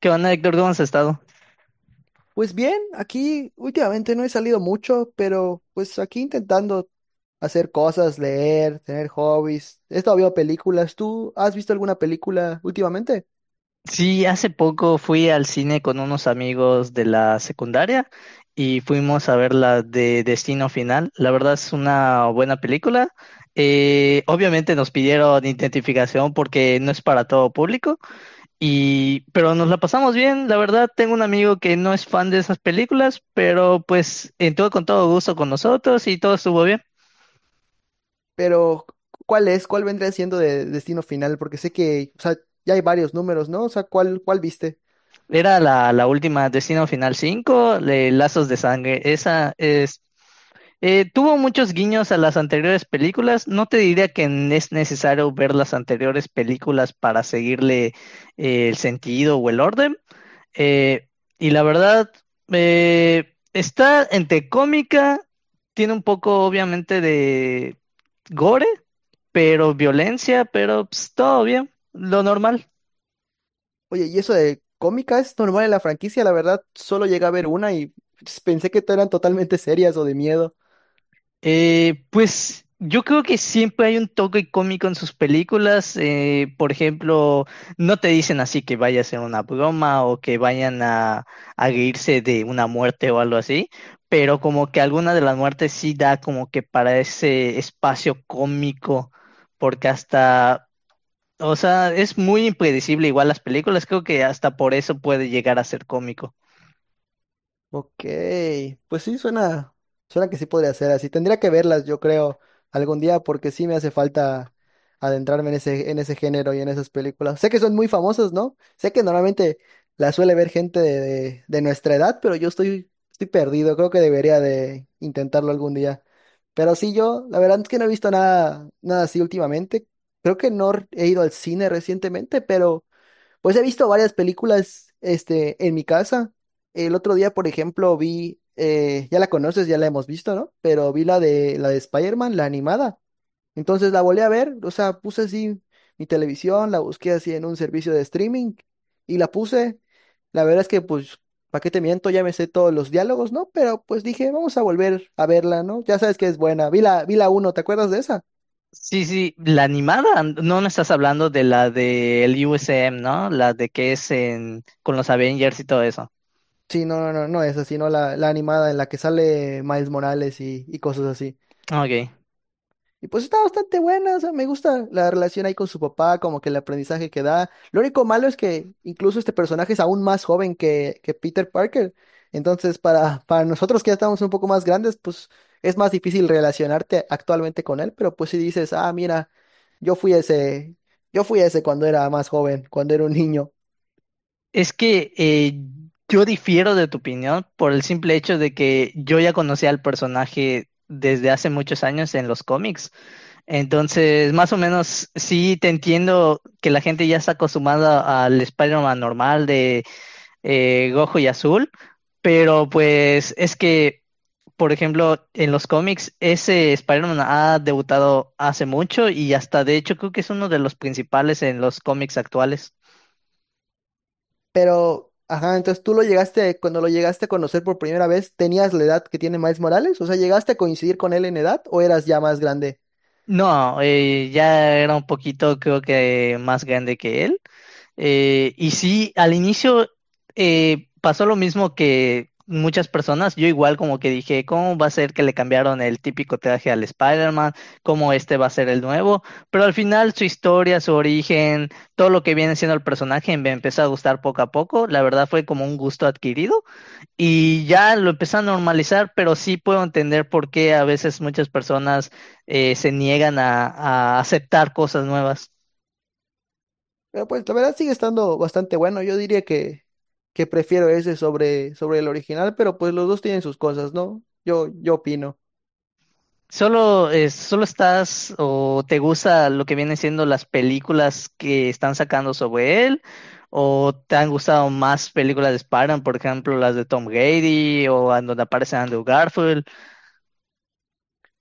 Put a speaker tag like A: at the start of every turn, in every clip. A: ¿Qué onda, Héctor? ¿Cómo has estado?
B: Pues bien, aquí últimamente no he salido mucho, pero pues aquí intentando hacer cosas, leer, tener hobbies. He estado viendo películas. ¿Tú has visto alguna película últimamente?
A: Sí, hace poco fui al cine con unos amigos de la secundaria y fuimos a ver la de Destino Final. La verdad es una buena película. Obviamente nos pidieron identificación porque no es para todo público, y, pero nos la pasamos bien. La verdad, tengo un amigo que no es fan de esas películas, pero pues entró con todo gusto con nosotros y todo estuvo bien.
B: Pero, ¿cuál es? ¿Cuál vendría siendo de Destino Final? Porque sé que, o sea, ya hay varios números, ¿no? O sea, ¿cuál viste?
A: Era la última Destino Final 5, Lazos de Sangre. Esa es. Tuvo muchos guiños a las anteriores películas. No te diría que es necesario ver las anteriores películas para seguirle el sentido o el orden. Eh, y la verdad, está entre cómica, tiene un poco obviamente de gore, pero violencia, pero pues, todo bien, lo normal.
B: Oye, y eso de cómica es normal en la franquicia, la verdad, solo llegué a ver una y pues, pensé que eran totalmente serias o de miedo.
A: Pues yo creo que siempre hay un toque cómico en sus películas. Por ejemplo, no te dicen así que vaya a ser una broma o que vayan a reírse de una muerte o algo así, pero como que alguna de las muertes sí da como que para ese espacio cómico, porque hasta, o sea, es muy impredecible igual las películas, creo que hasta por eso puede llegar a ser cómico.
B: Ok, pues sí, suena que sí podría ser así. Tendría que verlas, yo creo, algún día, porque sí me hace falta adentrarme en ese género y en esas películas. Sé que son muy famosas, ¿no? Sé que normalmente las suele ver gente de, de nuestra edad, pero estoy perdido. Creo que debería de intentarlo algún día. Pero sí, yo, la verdad es que no he visto nada, nada así últimamente. Creo que no he ido al cine recientemente, pero… Pues he visto varias películas, este, en mi casa. El otro día, por ejemplo, vi, ya la conoces, ya la hemos visto, ¿no? Pero vi la de Spider-Man, la animada. Entonces la volví a ver, o sea, puse así mi televisión, la busqué así en un servicio de streaming y la puse. La verdad es que, pues, ¿para qué te miento? Ya me sé todos los diálogos, ¿no? Pero pues dije, vamos a volver a verla, ¿no? Ya sabes que es buena. Vi la uno, ¿te acuerdas de esa?
A: Sí, sí, la animada, no, no estás hablando de la del USM, ¿no? La de que es en, con los Avengers y todo eso.
B: Sí, no, no, no, no esa, sino la, la animada en la que sale Miles Morales y cosas así.
A: Ah, ok.
B: Y pues está bastante buena, o sea, me gusta la relación ahí con su papá, como que el aprendizaje que da. Lo único malo es que incluso este personaje es aún más joven que Peter Parker. Entonces, para nosotros que ya estamos un poco más grandes, pues es más difícil relacionarte actualmente con él, pero pues si dices, ah, mira, yo fui ese, yo fui ese cuando era más joven, cuando era un niño.
A: Es que yo difiero de tu opinión por el simple hecho de que yo ya conocía al personaje desde hace muchos años en los cómics. Entonces, más o menos, sí te entiendo que la gente ya está acostumbrada al Spider-Man normal de Gojo y Azul, pero pues es que, por ejemplo, en los cómics ese Spider-Man ha debutado hace mucho y hasta de hecho creo que es uno de los principales en los cómics actuales.
B: Pero, ajá, entonces tú lo llegaste, cuando lo llegaste a conocer por primera vez, ¿tenías la edad que tiene Miles Morales? O sea, ¿llegaste a coincidir con él en edad o eras ya más grande?
A: No, ya era un poquito creo que más grande que él. Y sí, al inicio pasó lo mismo que muchas personas. Yo igual como que dije, ¿cómo va a ser que le cambiaron el típico traje al Spider-Man? ¿Cómo este va a ser el nuevo? Pero al final su historia, su origen, todo lo que viene siendo el personaje me empezó a gustar poco a poco. La verdad fue como un gusto adquirido y ya lo empecé a normalizar, pero sí puedo entender por qué a veces muchas personas se niegan a aceptar cosas nuevas.
B: Pero pues la verdad sigue estando bastante bueno. Yo diría que prefiero ese sobre el original, pero pues los dos tienen sus cosas, ¿no? Yo opino.
A: Solo, solo estás o te gusta lo que vienen siendo las películas que están sacando sobre él, o te han gustado más películas de Spider-Man, por ejemplo, las de Tom Grady o en donde aparece Andrew Garfield.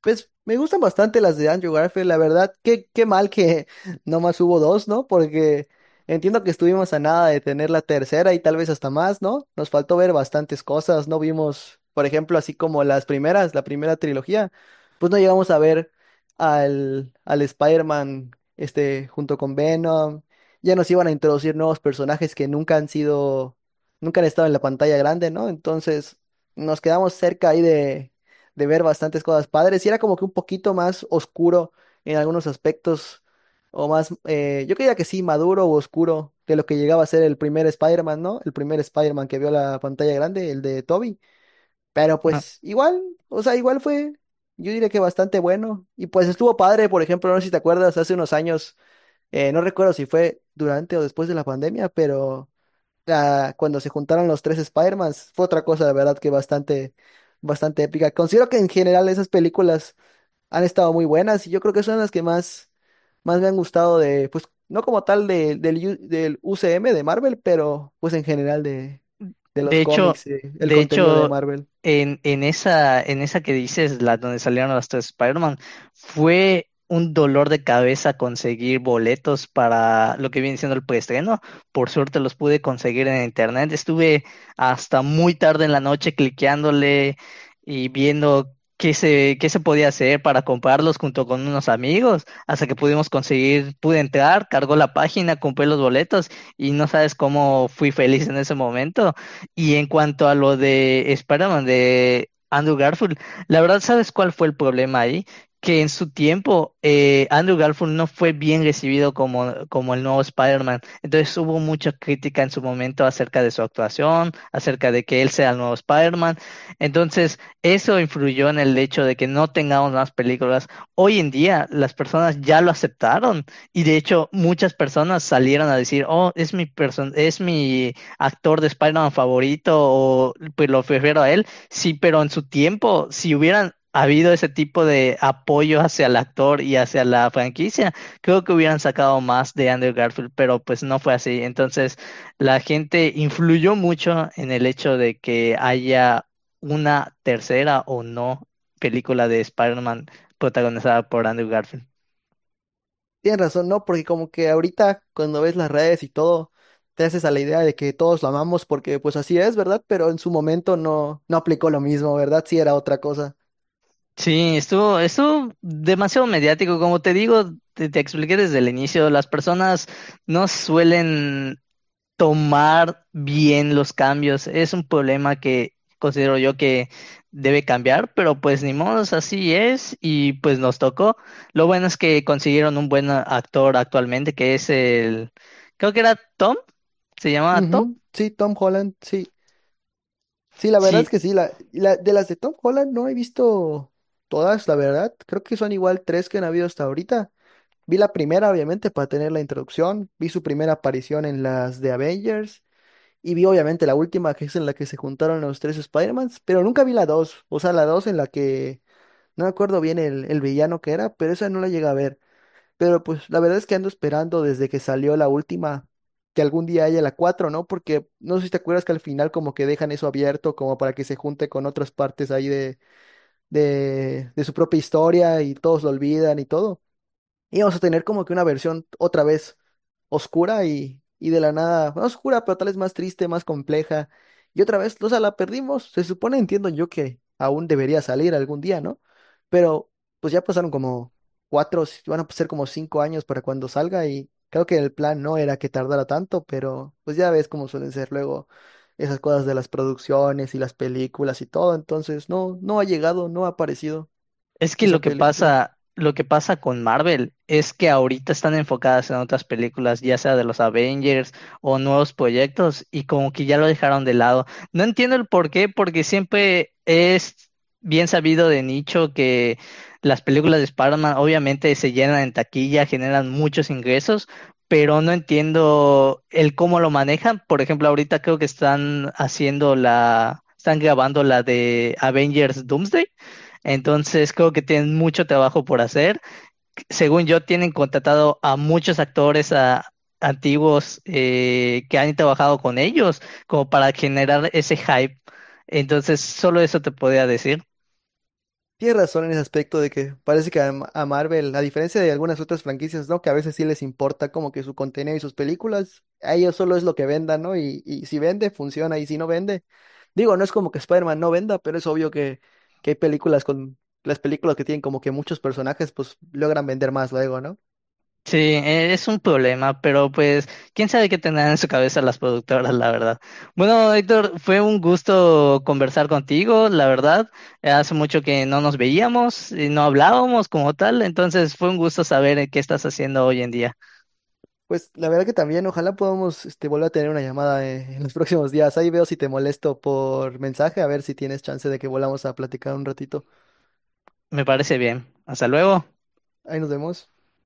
B: Pues me gustan bastante las de Andrew Garfield, la verdad. Qué mal que nomás hubo dos, ¿no? Porque entiendo que estuvimos a nada de tener la tercera y tal vez hasta más, ¿no? Nos faltó ver bastantes cosas, no vimos, por ejemplo, así como las primeras, la primera trilogía, pues no llegamos a ver al, al Spider-Man este, junto con Venom. Ya nos iban a introducir nuevos personajes que nunca han sido, nunca han estado en la pantalla grande, ¿no? Entonces nos quedamos cerca ahí de ver bastantes cosas padres y era como que un poquito más oscuro en algunos aspectos o más, yo creía que sí, maduro o oscuro de lo que llegaba a ser el primer Spider-Man, ¿no? El primer Spider-Man que vio la pantalla grande, el de Tobey. Pero pues igual, o sea, igual fue, yo diría que bastante bueno y pues estuvo padre, por ejemplo, no sé si te acuerdas, hace unos años, no recuerdo si fue durante o después de la pandemia, pero cuando se juntaron los tres Spider-Mans, fue otra cosa, la verdad, que bastante, bastante épica. Considero que en general esas películas han estado muy buenas y yo creo que son las que más, más me han gustado de, pues, no como tal del UCM de Marvel, pero pues en general de los
A: De hecho,
B: cómics, el
A: de
B: contenido de
A: hecho,
B: Marvel.
A: en esa que dices, la donde salieron los 3 Spider-Man, fue un dolor de cabeza conseguir boletos para lo que viene siendo el preestreno. Por suerte los pude conseguir en internet. Estuve hasta muy tarde en la noche cliqueándole y viendo qué se podía hacer para comprarlos junto con unos amigos, hasta que pudimos conseguir, pude entrar, cargó la página, compré los boletos y no sabes cómo fui feliz en ese momento, y en cuanto a lo de Spider-Man de Andrew Garfield, la verdad, ¿sabes cuál fue el problema ahí? Que en su tiempo Andrew Garfield no fue bien recibido como, como el nuevo Spider-Man. Entonces hubo mucha crítica en su momento acerca de su actuación, acerca de que él sea el nuevo Spider-Man. Entonces eso influyó en el hecho de que no tengamos más películas. Hoy en día las personas ya lo aceptaron, y de hecho muchas personas salieron a decir, oh, es mi actor de Spider-Man favorito o pues lo prefiero a él. Sí, pero en su tiempo, si hubieran habido ese tipo de apoyo hacia el actor y hacia la franquicia, creo que hubieran sacado más de Andrew Garfield, pero pues no fue así. Entonces, la gente influyó mucho en el hecho de que haya una tercera o no película de Spider-Man protagonizada por Andrew Garfield.
B: Tienes razón, ¿no? Porque como que ahorita cuando ves las redes y todo, te haces a la idea de que todos lo amamos porque pues así es, ¿verdad? Pero en su momento no, no aplicó lo mismo, ¿verdad? Sí era otra cosa.
A: Sí, estuvo, estuvo demasiado mediático. Como te digo, te expliqué desde el inicio, las personas no suelen tomar bien los cambios. Es un problema que considero yo que debe cambiar, pero pues ni modo, así es y pues nos tocó. Lo bueno es que consiguieron un buen actor actualmente, que es el, creo que era Tom, se llamaba Tom.
B: Ujú. Sí, Tom Holland, sí. Sí, la verdad es
A: Sí,
B: que sí. La, de las de Tom Holland no he visto todas, la verdad. Creo que son igual tres que han habido hasta ahorita. Vi la primera, obviamente, para tener la introducción. Vi su primera aparición en las de Avengers. Y vi, obviamente, la última, que es en la que se juntaron los tres Spider-Mans. Pero nunca vi la dos. O sea, la dos en la que no me acuerdo bien el villano que era, pero esa no la llegué a ver. Pero pues la verdad es que ando esperando desde que salió la última, que algún día haya la cuatro, ¿no? Porque no sé si te acuerdas que al final como que dejan eso abierto como para que se junte con otras partes ahí de, de su propia historia y todos lo olvidan y todo íbamos a tener como que una versión otra vez oscura y de la nada, no oscura, pero tal vez más triste, más compleja. Y otra vez, o sea, la perdimos. Se supone, entiendo yo que aún debería salir algún día, ¿no? Pero pues ya pasaron como cuatro, si, van a ser como cinco años para cuando salga y creo que el plan no era que tardara tanto, pero pues ya ves cómo suelen ser luego esas cosas de las producciones y las películas y todo. Entonces, no, no ha llegado, no ha aparecido
A: es que lo
B: esa
A: que
B: película.
A: pasa, lo que pasa con Marvel es que ahorita están enfocadas en otras películas, ya sea de los Avengers o nuevos proyectos, y como que ya lo dejaron de lado. No entiendo el por qué, porque siempre es bien sabido de nicho que las películas de Spider-Man obviamente se llenan en taquilla, generan muchos ingresos, pero no entiendo el cómo lo manejan. Por ejemplo, ahorita creo que están haciendo la, están grabando la de Avengers Doomsday. Entonces creo que tienen mucho trabajo por hacer. Según yo, tienen contratado a muchos actores antiguos que han trabajado con ellos como para generar ese hype. Entonces, solo eso te podía decir.
B: Tienes razón en ese aspecto de que parece que a, a Marvel, a diferencia de algunas otras franquicias, ¿no? Que a veces sí les importa como que su contenido y sus películas, a ellos solo es lo que vendan, ¿no? Y si vende, funciona, y si no vende, digo, no es como que Spider-Man no venda, pero es obvio que hay películas con, las películas que tienen como que muchos personajes, pues logran vender más luego, ¿no?
A: Sí, es un problema, pero pues, quién sabe qué tendrán en su cabeza las productoras, la verdad. Bueno, Héctor, fue un gusto conversar contigo, la verdad. Hace mucho que no nos veíamos y no hablábamos como tal, entonces fue un gusto saber qué estás haciendo hoy en día.
B: Pues la verdad que también, ojalá podamos, este, volver a tener una llamada, en los próximos días. Ahí veo si te molesto por mensaje, a ver si tienes chance de que volvamos a platicar un ratito.
A: Me parece bien. Hasta luego.
B: Ahí nos vemos.